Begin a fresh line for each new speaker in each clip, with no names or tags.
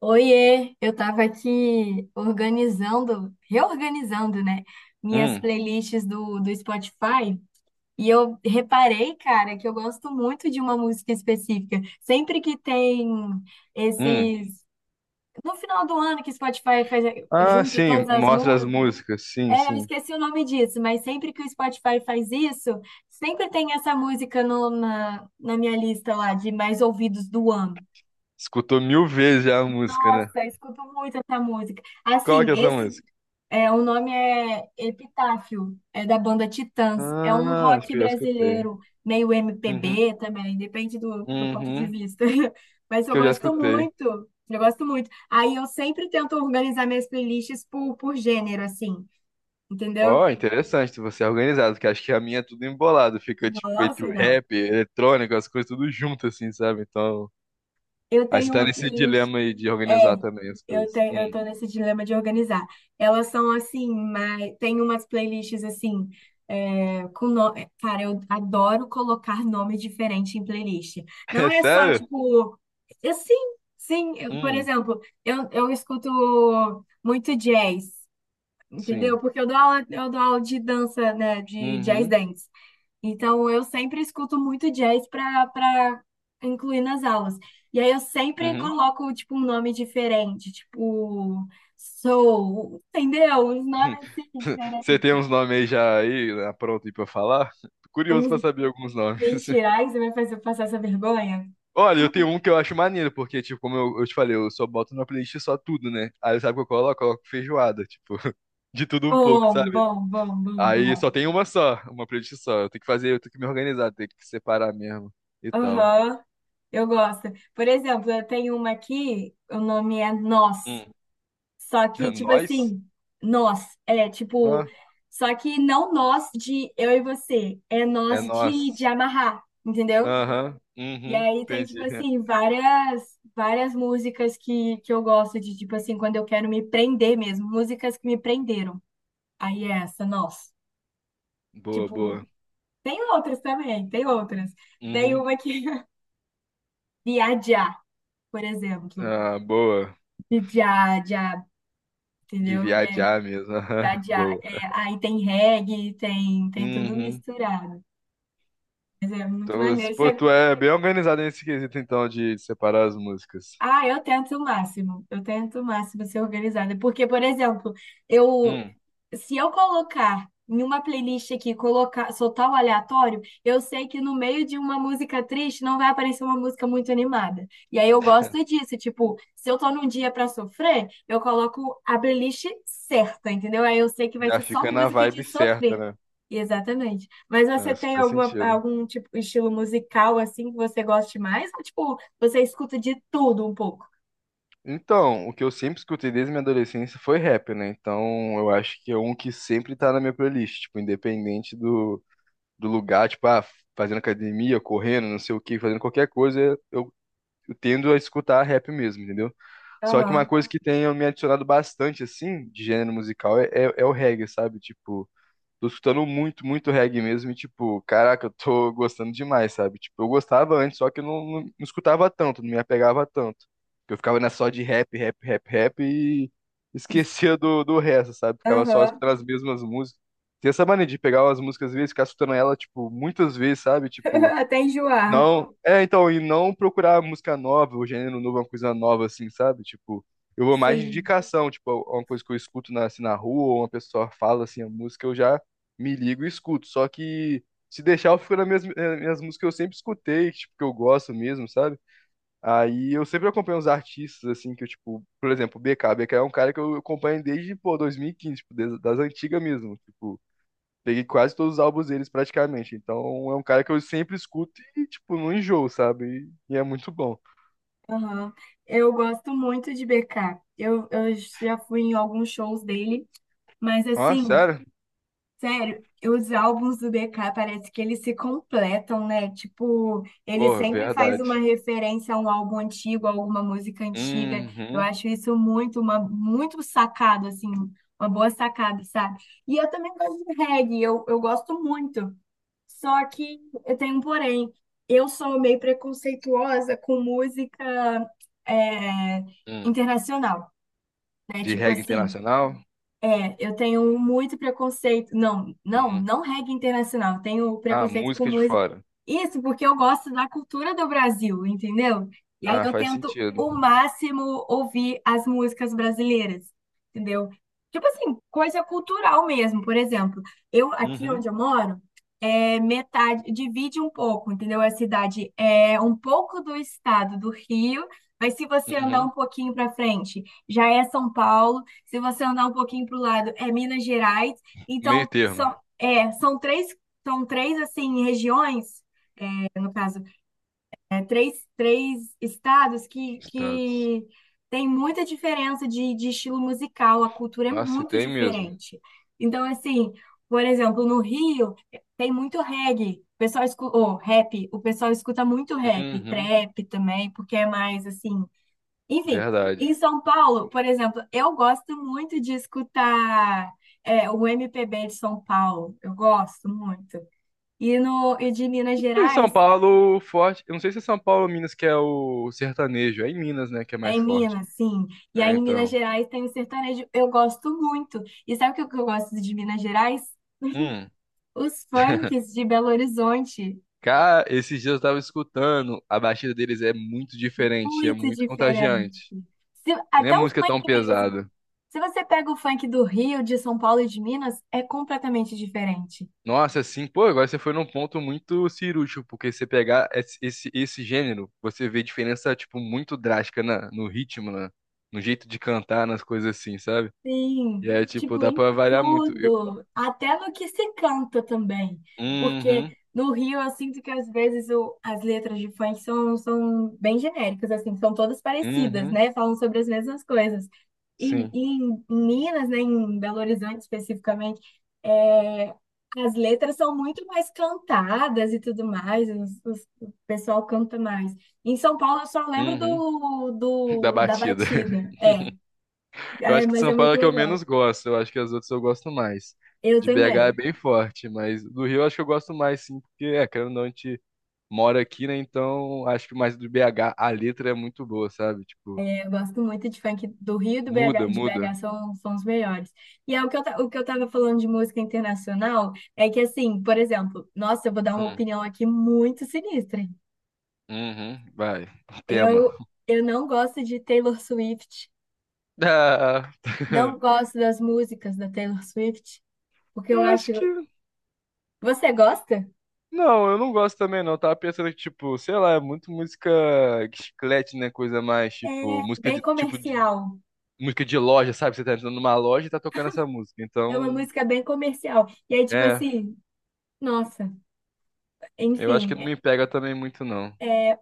Oiê, eu estava aqui organizando, reorganizando, minhas
Hum,
playlists do Spotify e eu reparei, cara, que eu gosto muito de uma música específica. Sempre que tem
hum.
esses. No final do ano que o Spotify faz,
Ah,
junta
sim,
todas as
mostra as
músicas.
músicas. Sim,
Eu
sim.
esqueci o nome disso, mas sempre que o Spotify faz isso, sempre tem essa música no, na, na minha lista lá de mais ouvidos do ano.
Escutou mil vezes já a música,
Nossa,
né?
eu escuto muito essa música.
Qual
Assim,
que é essa
esse.
música?
É, o nome é Epitáfio, é da banda Titãs. É um
Ah, acho
rock
que eu já escutei.
brasileiro, meio
Uhum,
MPB também, depende do ponto de
uhum.
vista. Mas
Acho que eu já escutei.
eu gosto muito. Aí eu sempre tento organizar minhas playlists por gênero, assim, entendeu?
Ó, interessante, você é organizado, porque acho que a minha é tudo embolado. Fica, tipo, entre
Nossa,
o
não.
rap, eletrônico, as coisas tudo junto, assim, sabe? Então,
Eu
aí você
tenho
tá
uma
nesse
playlist.
dilema aí de organizar também as coisas.
Eu
Hum.
tô nesse dilema de organizar. Elas são assim, mas tem umas playlists assim, é, com no... é, Cara, eu adoro colocar nome diferente em playlist. Não
É
é só
sério?
tipo, eu, sim, sim. Por
Hum,
exemplo, eu escuto muito jazz, entendeu?
sim.
Porque eu dou aula de dança, né, de jazz
Uhum,
dance. Então, eu sempre escuto muito jazz para incluir nas aulas. E aí eu sempre
uhum.
coloco tipo um nome diferente, tipo soul, entendeu? Uns nomes assim diferentes,
Você tem uns nomes aí já aí, né, pronto aí pra falar? Tô curioso pra
uns
saber alguns nomes.
mentira, ai, você vai fazer eu passar essa vergonha?
Olha, eu tenho um que eu acho maneiro, porque, tipo, como eu te falei, eu só boto na playlist só tudo, né? Aí sabe o que eu coloco? Eu coloco feijoada, tipo, de tudo um pouco,
Bom,
sabe?
bom, bom, bom,
Aí
bom.
só tem uma só, uma playlist só. Eu tenho que fazer, eu tenho que me organizar, tenho que separar mesmo e tal.
Aham. Eu gosto. Por exemplo, eu tenho uma aqui, o nome é Nós.
Hum.
Só que, tipo
Nós?
assim, nós, é, tipo,
Ah,
só que não nós de eu e você, é
é
nós de
nós.
amarrar, entendeu?
Aham,
E
uhum,
aí tem, tipo
entendi.
assim, várias músicas que eu gosto de, tipo assim, quando eu quero me prender mesmo, músicas que me prenderam. Aí é essa, nós.
Boa, boa.
Tipo, tem outras também, tem outras. Tem
Uhum.
uma que. Viajar, por exemplo.
Ah, boa.
Viajar,
De
entendeu? E aí
viajar mesmo. Aham,
já, já.
boa.
É, aí tem reggae, tem tudo
Uhum.
misturado. Mas é muito
Então,
maneiro.
pô,
Você-
tu é bem organizado nesse quesito, então, de separar as músicas.
ah, eu tento o máximo. Eu tento o máximo ser organizada. Porque, por exemplo, eu,
Hum.
se eu colocar em uma playlist aqui, colocar, soltar o aleatório, eu sei que no meio de uma música triste não vai aparecer uma música muito animada. E aí eu gosto disso, tipo, se eu tô num dia pra sofrer, eu coloco a playlist certa, entendeu? Aí eu sei que vai
Já
ser só
fica na
música de
vibe certa,
sofrer.
né?
Exatamente. Mas
Não,
você
isso
tem
faz
alguma,
sentido.
algum tipo estilo musical assim que você goste mais? Ou, tipo, você escuta de tudo um pouco?
Então, o que eu sempre escutei desde minha adolescência foi rap, né? Então, eu acho que é um que sempre tá na minha playlist, tipo, independente do lugar, tipo, ah, fazendo academia, correndo, não sei o que, fazendo qualquer coisa, eu, eu tendo a escutar rap mesmo, entendeu? Só que uma
Aham.
coisa que tem me adicionado bastante, assim, de gênero musical é o reggae, sabe? Tipo. Tô escutando muito, muito reggae mesmo. E, tipo, caraca, eu tô gostando demais, sabe? Tipo, eu gostava antes, só que eu não escutava tanto, não me apegava tanto. Eu ficava nessa só de rap, rap, rap, rap e esquecia do resto, sabe? Ficava só
Aham.
escutando as mesmas músicas. Tem essa mania de pegar umas músicas às vezes, ficar escutando ela, tipo, muitas vezes, sabe? Tipo.
Até enjoar.
Não, é, então, e não procurar música nova, o gênero novo, uma coisa nova, assim, sabe? Tipo, eu vou mais de
Sim.
indicação, tipo, uma coisa que eu escuto na rua, ou uma pessoa fala, assim, a música, eu já me ligo e escuto. Só que, se deixar, eu fico nas minhas músicas que eu sempre escutei, tipo, que eu gosto mesmo, sabe? Aí eu sempre acompanho os artistas, assim, que eu, tipo, por exemplo, o BK. BK é um cara que eu acompanho desde, pô, 2015, tipo, das antigas mesmo, tipo. Peguei quase todos os álbuns deles praticamente. Então é um cara que eu sempre escuto e, tipo, não enjoo, sabe? E é muito bom.
Aham. Eu gosto muito de BK. Eu já fui em alguns shows dele, mas
Ah,
assim,
sério?
sério, os álbuns do BK parece que eles se completam, né? Tipo, ele
Porra,
sempre faz uma
verdade.
referência a um álbum antigo, a alguma música antiga. Eu
Uhum.
acho isso muito, uma, muito sacado, assim, uma boa sacada, sabe? E eu também gosto de reggae, eu gosto muito. Só que eu tenho um porém. Eu sou meio preconceituosa com música é,
Hum.
internacional, né?
De
Tipo
reggae
assim,
internacional?
é, eu tenho muito preconceito.
Uhum.
Não reggae internacional. Eu tenho
Ah,
preconceito com
música de
música.
fora.
Isso porque eu gosto da cultura do Brasil, entendeu? E aí
Ah,
eu
faz
tento
sentido.
o máximo ouvir as músicas brasileiras, entendeu? Tipo assim, coisa cultural mesmo. Por exemplo, eu aqui
Uhum.
onde eu moro, é metade, divide um pouco, entendeu? A cidade é um pouco do estado do Rio, mas se você andar um
Uhum.
pouquinho para frente, já é São Paulo. Se você andar um pouquinho para o lado, é Minas Gerais.
Meio
Então,
termo.
são três assim, regiões, é, no caso, é, três estados
Estados.
que tem muita diferença de estilo musical, a cultura é
Nossa, e
muito
tem mesmo.
diferente. Então, assim, por exemplo, no Rio tem muito reggae, o pessoal escuta, ou rap, o pessoal escuta muito rap,
Uhum.
trap também, porque é mais assim, enfim, em
Verdade.
São Paulo, por exemplo, eu gosto muito de escutar é, o MPB de São Paulo. Eu gosto muito. E, no, e de Minas
Em São
Gerais,
Paulo, forte. Eu não sei se é São Paulo ou Minas que é o sertanejo. É em Minas, né, que é
é
mais
em
forte.
Minas, sim. E aí
É,
em Minas
então.
Gerais tem o sertanejo. Eu gosto muito. E sabe o que eu gosto de Minas Gerais?
Hum.
Os funks de Belo Horizonte.
Cara, esses dias eu tava escutando, a batida deles é muito diferente, é
Muito
muito
diferente.
contagiante.
Se-
Nem a
até o
música é
funk
tão
mesmo.
pesada.
Se você pega o funk do Rio, de São Paulo e de Minas, é completamente diferente.
Nossa, assim, pô, agora você foi num ponto muito cirúrgico, porque você pegar esse gênero, você vê diferença, tipo, muito drástica no ritmo, no jeito de cantar, nas coisas assim, sabe?
Sim,
E é, tipo,
tipo,
dá
em
pra variar muito. Eu,
tudo, até no que se canta também, porque
uhum,
no Rio eu sinto que às vezes o- as letras de funk são bem genéricas, assim, são todas parecidas,
uhum,
né? Falam sobre as mesmas coisas. E,
sim,
em Minas, né, em Belo Horizonte especificamente, é, as letras são muito mais cantadas e tudo mais, os- o pessoal canta mais. Em São Paulo eu só lembro
uhum, da
da
batida.
batida,
Eu
é,
acho que de
mas é
São Paulo
muito
é que eu menos
legal.
gosto. Eu acho que as outras eu gosto mais.
Eu
De BH é
também.
bem forte, mas do Rio eu acho que eu gosto mais, sim, porque, é, querendo ou não, a gente mora aqui, né? Então acho que mais do BH a letra é muito boa, sabe? Tipo,
Eu gosto muito de funk do Rio e do BH,
muda,
de BH
muda.
são os melhores. E é o que eu, ta- o que eu tava falando de música internacional é que, assim, por exemplo, nossa, eu vou dar uma
Hum.
opinião aqui muito sinistra.
Uhum, vai. Tema.
Eu, eu não gosto de Taylor Swift,
Ah,
não gosto das músicas da Taylor Swift, porque eu
eu acho
acho.
que.
Você gosta?
Não, eu não gosto também, não. Eu tava pensando que, tipo, sei lá, é muito música chiclete, né? Coisa mais,
É
tipo,
bem comercial.
música de loja, sabe? Você tá entrando numa loja e tá tocando essa música.
É uma
Então,
música bem comercial. E aí, tipo
é,
assim, nossa,
eu acho que não
enfim,
me pega também muito, não.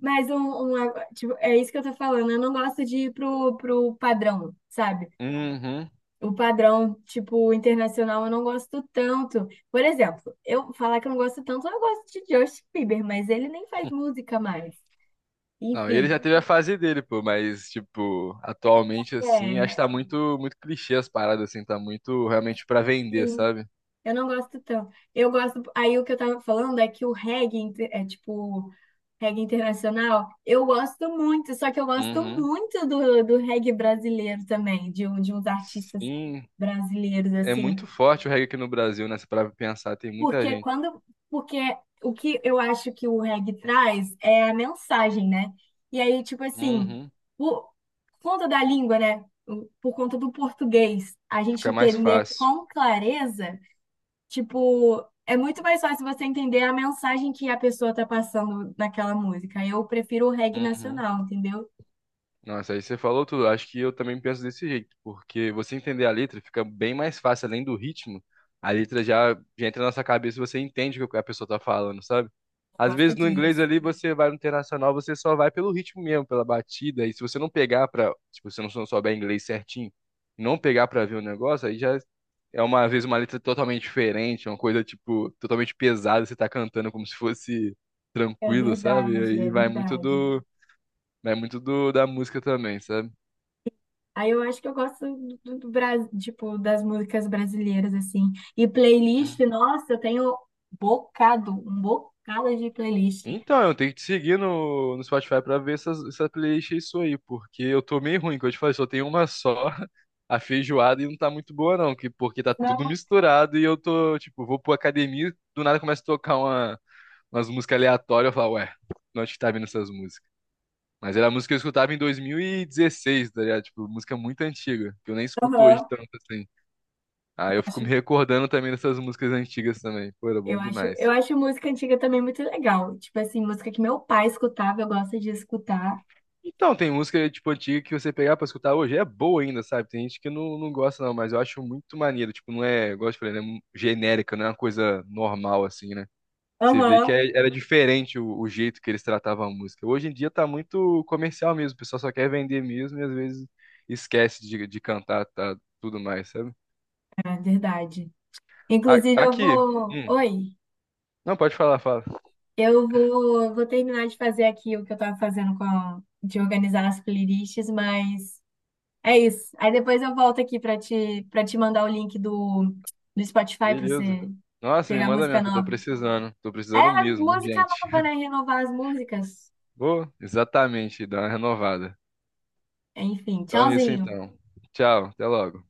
mas um- tipo, é isso que eu tô falando. Eu não gosto de ir pro padrão, sabe?
Uhum.
O padrão, tipo, internacional, eu não gosto tanto. Por exemplo, eu falar que eu não gosto tanto, eu gosto de Justin Bieber, mas ele nem faz música mais.
Não, ele
Enfim,
já teve a fase dele, pô, mas, tipo, atualmente, assim, acho que
é,
tá muito, muito clichê as paradas, assim, tá muito realmente pra vender,
sim.
sabe?
Eu não gosto tanto. Eu gosto. Aí o que eu tava falando é que o reggae inte- é tipo reggae internacional. Eu gosto muito, só que eu gosto
Uhum.
muito do reggae brasileiro também, de, um- de uns artistas
Sim,
brasileiros,
é
assim.
muito forte o reggae aqui no Brasil, né? Se parar pra pensar, tem muita
Porque
gente.
quando. Porque o que eu acho que o reggae traz é a mensagem, né? E aí, tipo assim,
Uhum.
por conta da língua, né? Por conta do português, a gente
Fica mais
entender
fácil.
com clareza. Tipo, é muito mais fácil você entender a mensagem que a pessoa tá passando naquela música. Eu prefiro o reggae
Uhum.
nacional, entendeu?
Nossa, aí você falou tudo. Acho que eu também penso desse jeito, porque você entender a letra fica bem mais fácil, além do ritmo. A letra já, já entra na nossa cabeça, e você entende o que a pessoa tá falando, sabe?
Eu
Às
gosto
vezes no inglês
disso.
ali você vai no internacional, você só vai pelo ritmo mesmo, pela batida. E se você não souber inglês certinho, não pegar pra ver o negócio, aí já é uma vez uma letra totalmente diferente, uma coisa tipo totalmente pesada, você tá cantando como se fosse tranquilo, sabe?
É
Aí vai muito
verdade.
do É muito da música também, sabe?
Aí eu acho que eu gosto do Bras- tipo, das músicas brasileiras, assim. E playlist,
Uhum.
nossa, eu tenho bocado, um bocado de playlist.
Então, eu tenho que te seguir no Spotify pra ver essa playlist e isso aí, porque eu tô meio ruim, que eu te falei, só tem uma só, a feijoada, e não tá muito boa não, porque tá tudo
Não,
misturado e eu tô, tipo, vou pra academia, do nada começa a tocar umas músicas aleatórias, eu falo, ué, de onde que tá vindo essas músicas? Mas era a música que eu escutava em 2016, tá ligado? Tipo, música muito antiga, que eu nem escuto hoje
aham.
tanto assim. Aí eu fico me
Acho-
recordando também dessas músicas antigas também. Pô, era
eu
bom
acho, eu
demais.
acho música antiga também muito legal. Tipo assim, música que meu pai escutava, eu gosto de escutar.
Então, tem música, tipo, antiga que você pegar pra escutar hoje, é boa ainda, sabe? Tem gente que não gosta, não, mas eu acho muito maneiro. Tipo, não é, igual eu te falei, né? Genérica, não é uma coisa normal, assim, né? Você vê
Aham.
que era diferente o jeito que eles tratavam a música. Hoje em dia tá muito comercial mesmo, o pessoal só quer vender mesmo e às vezes esquece de cantar, tá, tudo mais, sabe?
É verdade. Inclusive, eu
Aqui.
vou.
Hum.
Oi,
Não, pode falar, fala.
eu vou, vou terminar de fazer aqui o que eu tava fazendo com a- de organizar as playlists, mas é isso. Aí depois eu volto aqui para te mandar o link do, do Spotify para
Beleza.
você
Nossa, me
pegar
manda
música
mesmo, que eu tô
nova.
precisando. Tô precisando
É,
mesmo,
música
gente.
nova, né? Renovar as músicas.
Vou, exatamente, dar uma renovada.
Enfim,
Então é isso
tchauzinho.
então. Tchau, até logo.